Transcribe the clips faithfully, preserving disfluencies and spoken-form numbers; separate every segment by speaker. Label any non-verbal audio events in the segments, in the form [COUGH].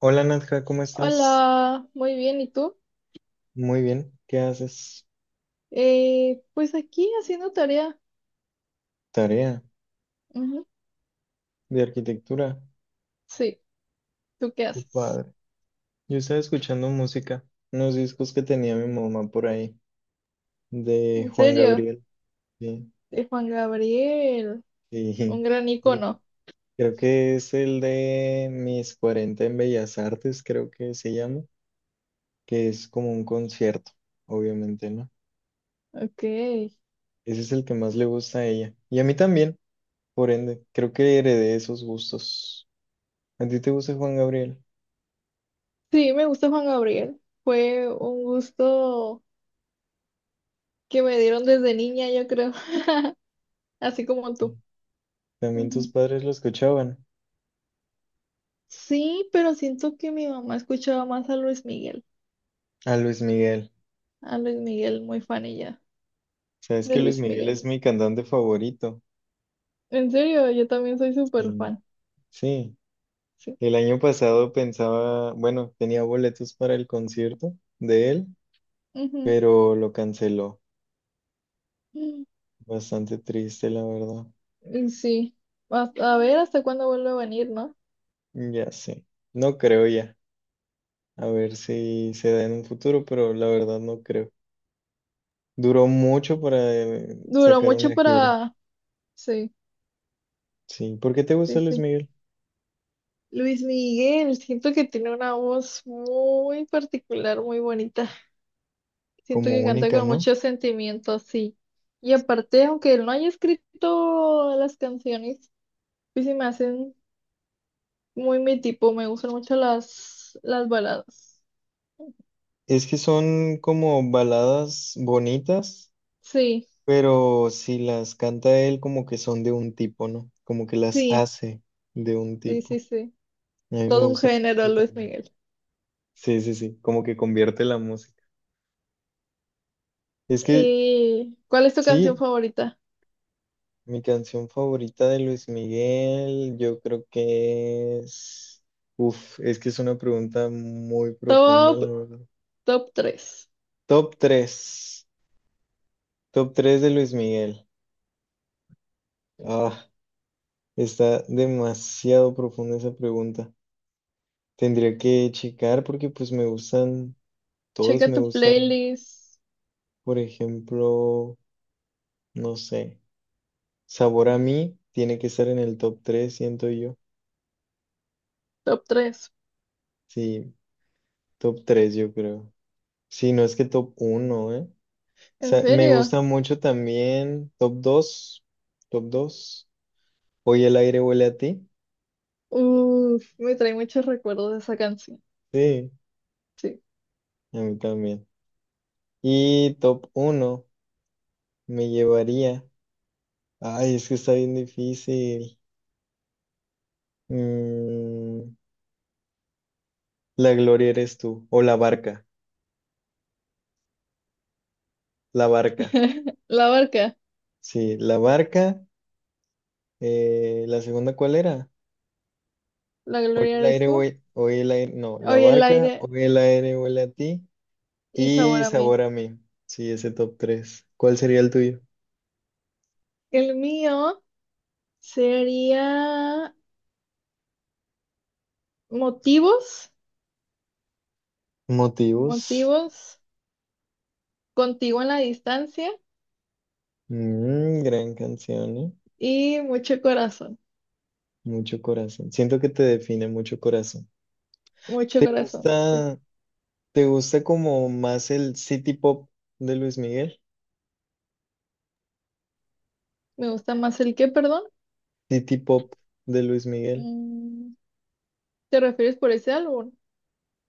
Speaker 1: Hola Nadja, ¿cómo estás?
Speaker 2: Hola, muy bien, ¿y tú?
Speaker 1: Muy bien, ¿qué haces?
Speaker 2: Eh, pues aquí haciendo tarea.
Speaker 1: Tarea
Speaker 2: Ujú.
Speaker 1: de arquitectura.
Speaker 2: Sí, ¿tú qué
Speaker 1: Qué
Speaker 2: haces?
Speaker 1: padre. Yo estaba escuchando música, unos discos que tenía mi mamá por ahí, de
Speaker 2: En
Speaker 1: Juan
Speaker 2: serio,
Speaker 1: Gabriel. Sí,
Speaker 2: de Juan Gabriel, un
Speaker 1: sí. [LAUGHS]
Speaker 2: gran
Speaker 1: Lo-
Speaker 2: icono.
Speaker 1: Creo que es el de Mis cuarenta en Bellas Artes, creo que se llama, que es como un concierto, obviamente, ¿no?
Speaker 2: Ok.
Speaker 1: Ese es el que más le gusta a ella. Y a mí también, por ende, creo que heredé esos gustos. ¿A ti te gusta Juan Gabriel?
Speaker 2: Sí, me gusta Juan Gabriel. Fue un gusto que me dieron desde niña, yo creo, [LAUGHS] así como tú.
Speaker 1: También tus
Speaker 2: Ujú.
Speaker 1: padres lo escuchaban.
Speaker 2: Sí, pero siento que mi mamá escuchaba más a Luis Miguel.
Speaker 1: A Luis Miguel.
Speaker 2: A Luis Miguel, muy fan ella
Speaker 1: Sabes
Speaker 2: de
Speaker 1: que Luis
Speaker 2: Luis
Speaker 1: Miguel
Speaker 2: Miguel.
Speaker 1: es mi cantante favorito.
Speaker 2: En serio, yo también soy súper
Speaker 1: Sí.
Speaker 2: fan.
Speaker 1: Sí.
Speaker 2: Sí.
Speaker 1: El año pasado pensaba, bueno, tenía boletos para el concierto de él,
Speaker 2: Ujú.
Speaker 1: pero lo canceló. Bastante triste, la verdad.
Speaker 2: Y sí, a, a ver hasta cuándo vuelve a venir, ¿no?
Speaker 1: Ya sé. No creo ya. A ver si se da en un futuro, pero la verdad no creo. Duró mucho para eh,
Speaker 2: Duró
Speaker 1: sacar
Speaker 2: mucho
Speaker 1: una gira.
Speaker 2: para... Sí,
Speaker 1: Sí. ¿Por qué te
Speaker 2: sí,
Speaker 1: gusta Luis
Speaker 2: sí.
Speaker 1: Miguel?
Speaker 2: Luis Miguel, siento que tiene una voz muy particular, muy bonita. Siento
Speaker 1: Como
Speaker 2: que canta
Speaker 1: única,
Speaker 2: con
Speaker 1: ¿no?
Speaker 2: mucho sentimiento, sí. Y aparte, aunque él no haya escrito las canciones, pues se me hacen muy mi tipo, me gustan mucho las, las baladas.
Speaker 1: Es que son como baladas bonitas,
Speaker 2: Sí,
Speaker 1: pero si las canta él, como que son de un tipo, ¿no? Como que las
Speaker 2: sí,
Speaker 1: hace de un
Speaker 2: sí,
Speaker 1: tipo.
Speaker 2: sí, sí.
Speaker 1: A mí me
Speaker 2: Todo un
Speaker 1: gusta
Speaker 2: género,
Speaker 1: mucho
Speaker 2: Luis
Speaker 1: también.
Speaker 2: Miguel.
Speaker 1: Sí, sí, sí, como que convierte la música. Es que
Speaker 2: Eh, ¿cuál es tu canción
Speaker 1: sí,
Speaker 2: favorita?
Speaker 1: mi canción favorita de Luis Miguel, yo creo que es... Uf, es que es una pregunta muy profunda,
Speaker 2: Top
Speaker 1: la verdad.
Speaker 2: Top tres.
Speaker 1: Top tres, top tres de Luis Miguel. Ah. Está demasiado profunda esa pregunta. Tendría que checar porque pues me gustan, todas
Speaker 2: Checa
Speaker 1: me
Speaker 2: tu
Speaker 1: gustan.
Speaker 2: playlist.
Speaker 1: Por ejemplo, no sé, sabor a mí tiene que estar en el top tres, siento yo.
Speaker 2: Top tres.
Speaker 1: Sí, top tres yo creo. Sí, no es que top uno, ¿eh? O
Speaker 2: ¿En
Speaker 1: sea, me
Speaker 2: serio?
Speaker 1: gusta mucho también top dos, top dos, Hoy el aire huele a ti.
Speaker 2: Uf, me trae muchos recuerdos de esa canción.
Speaker 1: Sí,
Speaker 2: Sí.
Speaker 1: a mí también. Y top uno me llevaría. Ay, es que está bien difícil. Mm, la gloria eres tú, o la barca, la barca,
Speaker 2: [LAUGHS] La barca.
Speaker 1: sí, la barca, eh, la segunda, ¿cuál era?
Speaker 2: La
Speaker 1: Hoy
Speaker 2: gloria
Speaker 1: el
Speaker 2: eres
Speaker 1: aire
Speaker 2: tú.
Speaker 1: huele, hoy el aire, no, la
Speaker 2: Hoy el
Speaker 1: barca,
Speaker 2: aire
Speaker 1: hoy el aire huele a ti
Speaker 2: y sabor
Speaker 1: y
Speaker 2: a mí.
Speaker 1: sabor a mí, sí, ese top tres. ¿Cuál sería el tuyo?
Speaker 2: El mío sería motivos.
Speaker 1: Motivos.
Speaker 2: Motivos. Contigo en la distancia.
Speaker 1: Mm, gran canción, ¿eh?
Speaker 2: Y mucho corazón.
Speaker 1: Mucho corazón, siento que te define mucho corazón.
Speaker 2: Mucho
Speaker 1: ¿Te
Speaker 2: corazón. Sí.
Speaker 1: gusta, te gusta como más el city pop de Luis Miguel?
Speaker 2: Me gusta más el que, perdón.
Speaker 1: City pop de Luis Miguel.
Speaker 2: Mm, ¿te refieres por ese álbum?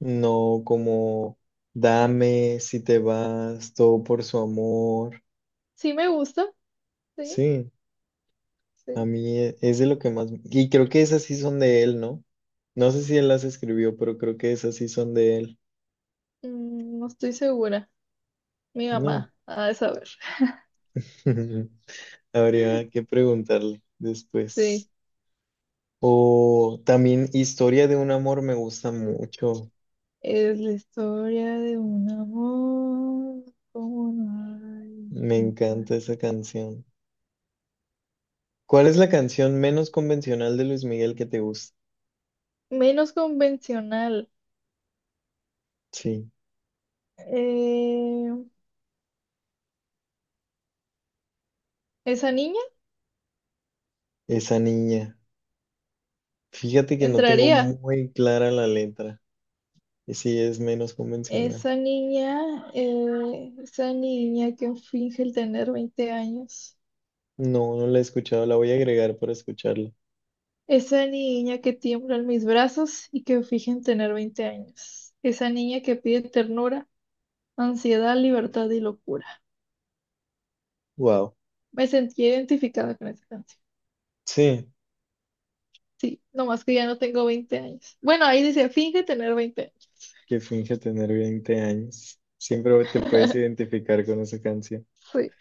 Speaker 1: No, como dame si te vas, todo por su amor.
Speaker 2: Sí, me gusta. Sí.
Speaker 1: Sí, a
Speaker 2: Sí.
Speaker 1: mí e- es de lo que más... Y creo que esas sí son de él, ¿no? No sé si él las escribió, pero creo que esas sí son de él.
Speaker 2: Mm, no estoy segura. Mi
Speaker 1: No.
Speaker 2: mamá ha de saber.
Speaker 1: [LAUGHS] Habría que preguntarle
Speaker 2: Sí,
Speaker 1: después. O también Historia de un amor me gusta mucho.
Speaker 2: es la historia de un amor como no hay
Speaker 1: Me
Speaker 2: igual.
Speaker 1: encanta esa canción. ¿Cuál es la canción menos convencional de Luis Miguel que te gusta?
Speaker 2: Menos convencional.
Speaker 1: Sí,
Speaker 2: Eh, Esa niña
Speaker 1: esa niña. Fíjate que no tengo
Speaker 2: entraría.
Speaker 1: muy clara la letra. Y sí, es menos convencional.
Speaker 2: Esa niña, eh, esa niña que finge el tener veinte años.
Speaker 1: No, no la he escuchado. La voy a agregar para escucharla.
Speaker 2: Esa niña que tiembla en mis brazos y que finge en tener veinte años. Esa niña que pide ternura, ansiedad, libertad y locura.
Speaker 1: Wow.
Speaker 2: Me sentí identificada con esa canción.
Speaker 1: Sí,
Speaker 2: Sí, nomás que ya no tengo veinte años. Bueno, ahí dice, finge tener veinte años.
Speaker 1: que finge tener veinte años. Siempre te puedes
Speaker 2: [LAUGHS]
Speaker 1: identificar con esa canción.
Speaker 2: Sí,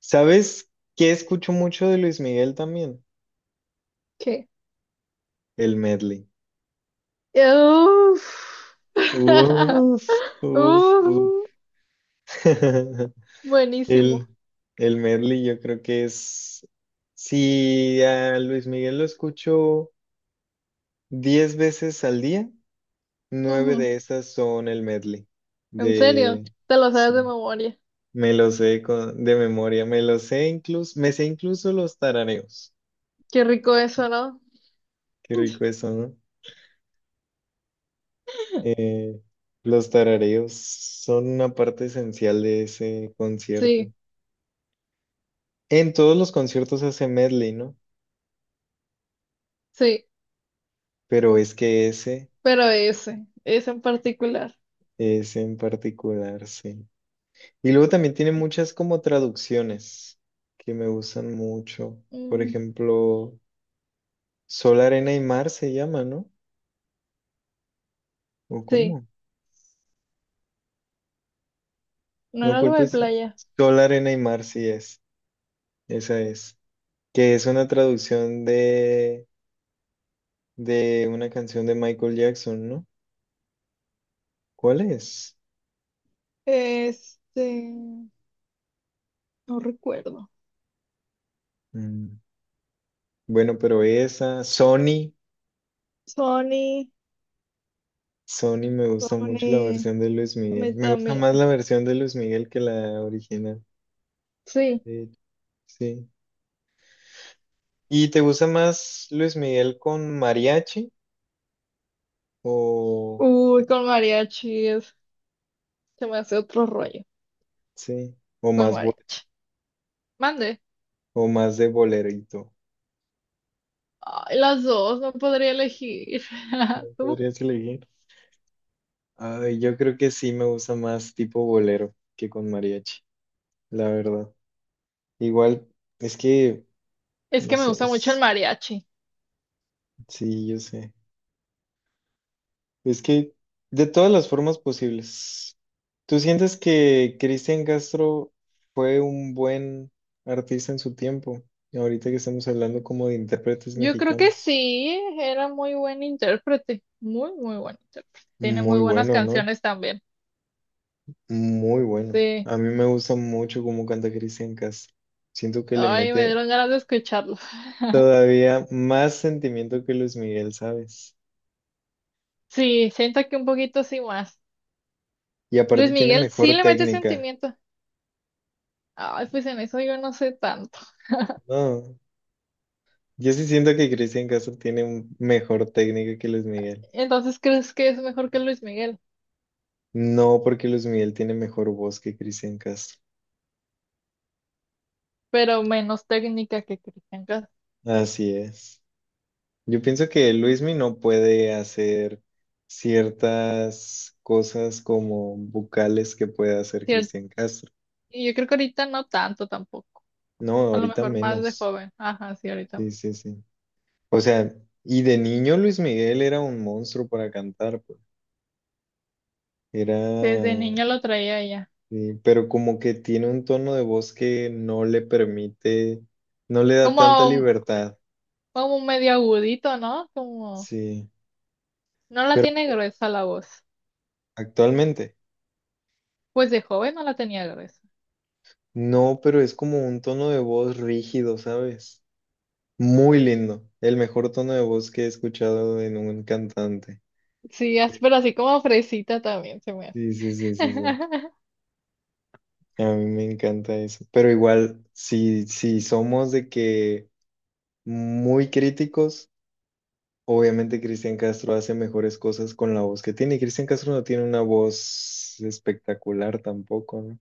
Speaker 1: ¿Sabes qué escucho mucho de Luis Miguel también?
Speaker 2: ¿qué?
Speaker 1: El medley.
Speaker 2: Uf. [LAUGHS]
Speaker 1: Uf, uf, uf.
Speaker 2: Uf.
Speaker 1: [LAUGHS]
Speaker 2: Buenísimo.
Speaker 1: El, el medley yo creo que es... Si a Luis Miguel lo escucho diez veces al día. Nueve
Speaker 2: Ujú.
Speaker 1: de esas son el medley
Speaker 2: En serio,
Speaker 1: de,
Speaker 2: te lo sabes de
Speaker 1: sí,
Speaker 2: memoria.
Speaker 1: me lo sé con- de memoria, me lo sé incluso, me sé incluso los tarareos.
Speaker 2: Qué rico eso, ¿no?
Speaker 1: Qué rico eso, ¿no? Eh, los tarareos son una parte esencial de ese concierto.
Speaker 2: Sí,
Speaker 1: En todos los conciertos hace medley, ¿no?
Speaker 2: sí,
Speaker 1: Pero es que ese,
Speaker 2: pero ese, ese en particular.
Speaker 1: ese en particular, sí. Y luego también tiene muchas como traducciones que me gustan mucho. Por
Speaker 2: Mm,
Speaker 1: ejemplo, Sol, Arena y Mar se llama, ¿no? ¿O
Speaker 2: sí,
Speaker 1: cómo?
Speaker 2: no
Speaker 1: No
Speaker 2: era algo de
Speaker 1: culpes a-
Speaker 2: playa.
Speaker 1: Sol, arena y mar, sí es. Esa es. Que es una traducción de, de una canción de Michael Jackson, ¿no? ¿Cuál es?
Speaker 2: Este, no recuerdo.
Speaker 1: Mm, bueno, pero esa, Sony.
Speaker 2: Sony.
Speaker 1: Sony me gusta mucho la
Speaker 2: Sony,
Speaker 1: versión de Luis
Speaker 2: a
Speaker 1: Miguel.
Speaker 2: mí
Speaker 1: Me gusta
Speaker 2: también.
Speaker 1: más la versión de Luis Miguel que la original,
Speaker 2: Sí.
Speaker 1: de hecho. Sí. ¿Y te gusta más Luis Miguel con mariachi o
Speaker 2: Uy, con mariachi es, se me hace otro rollo.
Speaker 1: sí, o
Speaker 2: Con
Speaker 1: más bo-
Speaker 2: mariachi. Mande.
Speaker 1: o más de bolerito?
Speaker 2: Ay, las dos, no podría elegir.
Speaker 1: ¿No
Speaker 2: [LAUGHS] ¿Tú?
Speaker 1: podrías elegir? Ay, yo creo que sí me gusta más tipo bolero que con mariachi, la verdad. Igual, es que,
Speaker 2: Es
Speaker 1: no
Speaker 2: que me
Speaker 1: sé,
Speaker 2: gusta mucho el
Speaker 1: es-
Speaker 2: mariachi.
Speaker 1: sí, yo sé. Es que de todas las formas posibles. ¿Tú sientes que Cristian Castro fue un buen artista en su tiempo? Ahorita que estamos hablando como de intérpretes
Speaker 2: Yo creo que
Speaker 1: mexicanos.
Speaker 2: sí, era muy buen intérprete. Muy, muy buen intérprete. Tiene muy
Speaker 1: Muy
Speaker 2: buenas
Speaker 1: bueno, ¿no?
Speaker 2: canciones también.
Speaker 1: Muy bueno.
Speaker 2: Sí.
Speaker 1: A mí me gusta mucho cómo canta Cristian Castro. Siento que le
Speaker 2: Ay, me
Speaker 1: mete
Speaker 2: dieron ganas de escucharlo.
Speaker 1: todavía más sentimiento que Luis Miguel, ¿sabes?
Speaker 2: Sí, siento que un poquito sí más.
Speaker 1: Y
Speaker 2: Luis
Speaker 1: aparte tiene
Speaker 2: Miguel sí
Speaker 1: mejor
Speaker 2: le mete
Speaker 1: técnica.
Speaker 2: sentimiento. Ay, pues en eso yo no sé tanto.
Speaker 1: No, yo sí siento que Cristian Castro tiene un- mejor técnica que Luis Miguel.
Speaker 2: Entonces, ¿crees que es mejor que Luis Miguel?
Speaker 1: No porque Luis Miguel tiene mejor voz que Cristian Castro.
Speaker 2: Pero menos técnica que Cristian Castro.
Speaker 1: Así es. Yo pienso que Luismi no puede hacer ciertas cosas como vocales que puede hacer Cristian Castro.
Speaker 2: Y yo creo que ahorita no tanto tampoco.
Speaker 1: No,
Speaker 2: A lo
Speaker 1: ahorita
Speaker 2: mejor más de
Speaker 1: menos.
Speaker 2: joven. Ajá, sí, ahorita.
Speaker 1: Sí, sí, sí. O sea, y de niño Luis Miguel era un monstruo para cantar, pues. Era,
Speaker 2: Desde niña lo traía ya.
Speaker 1: eh, pero como que tiene un tono de voz que no le permite, no le da
Speaker 2: Como,
Speaker 1: tanta libertad,
Speaker 2: como medio agudito, ¿no? Como
Speaker 1: sí.
Speaker 2: no la
Speaker 1: Pero
Speaker 2: tiene gruesa la voz.
Speaker 1: actualmente,
Speaker 2: Pues de joven no la tenía gruesa.
Speaker 1: no, pero es como un tono de voz rígido, ¿sabes? Muy lindo, el mejor tono de voz que he escuchado en un cantante.
Speaker 2: Sí, as- pero así como fresita también se me hace.
Speaker 1: Sí, sí, sí, sí, sí.
Speaker 2: [LAUGHS]
Speaker 1: A mí me encanta eso. Pero igual, si, si somos de que muy críticos, obviamente Cristian Castro hace mejores cosas con la voz que tiene, y Cristian Castro no tiene una voz espectacular tampoco, ¿no?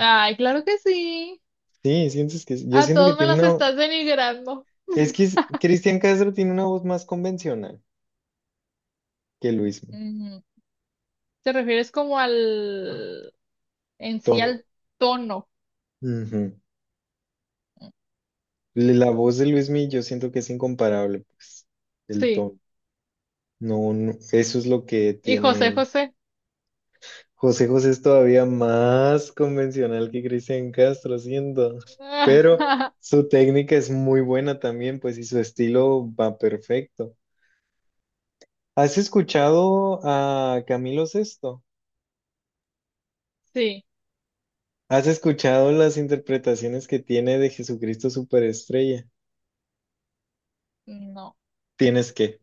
Speaker 2: Ay, claro que sí.
Speaker 1: Sí, sientes que yo
Speaker 2: A
Speaker 1: siento que
Speaker 2: todos me
Speaker 1: tiene
Speaker 2: los
Speaker 1: una,
Speaker 2: estás denigrando.
Speaker 1: es que es- Cristian Castro tiene una voz más convencional que Luismi,
Speaker 2: Ujú. ¿Te refieres como al en sí
Speaker 1: tono.
Speaker 2: al tono?
Speaker 1: Ujú. Le- La voz de Luismi yo siento que es incomparable, pues, el
Speaker 2: Sí.
Speaker 1: tono. No, no, eso es lo que
Speaker 2: Y
Speaker 1: tiene
Speaker 2: José
Speaker 1: él.
Speaker 2: José.
Speaker 1: José José es todavía más convencional que Cristian Castro, siento, pero
Speaker 2: [LAUGHS]
Speaker 1: su técnica es muy buena también, pues, y su estilo va perfecto. ¿Has escuchado a Camilo Sesto?
Speaker 2: Sí,
Speaker 1: ¿Has escuchado las interpretaciones que tiene de Jesucristo Superestrella?
Speaker 2: no,
Speaker 1: Tienes que,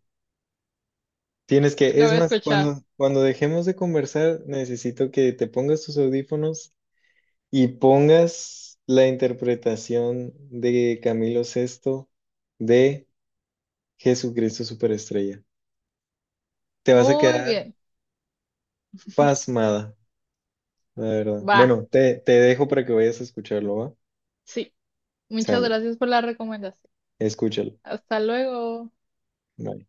Speaker 1: tienes que.
Speaker 2: lo
Speaker 1: Es
Speaker 2: voy a
Speaker 1: más,
Speaker 2: escuchar.
Speaker 1: cuando, cuando dejemos de conversar, necesito que te pongas tus audífonos y pongas la interpretación de Camilo Sesto de Jesucristo superestrella. Te vas a
Speaker 2: Muy
Speaker 1: quedar
Speaker 2: bien,
Speaker 1: pasmada, la verdad.
Speaker 2: va,
Speaker 1: Bueno, te, te dejo para que vayas a escucharlo, ¿va?
Speaker 2: sí. Muchas
Speaker 1: Sale,
Speaker 2: gracias por la recomendación.
Speaker 1: escúchalo.
Speaker 2: Hasta luego.
Speaker 1: Bye.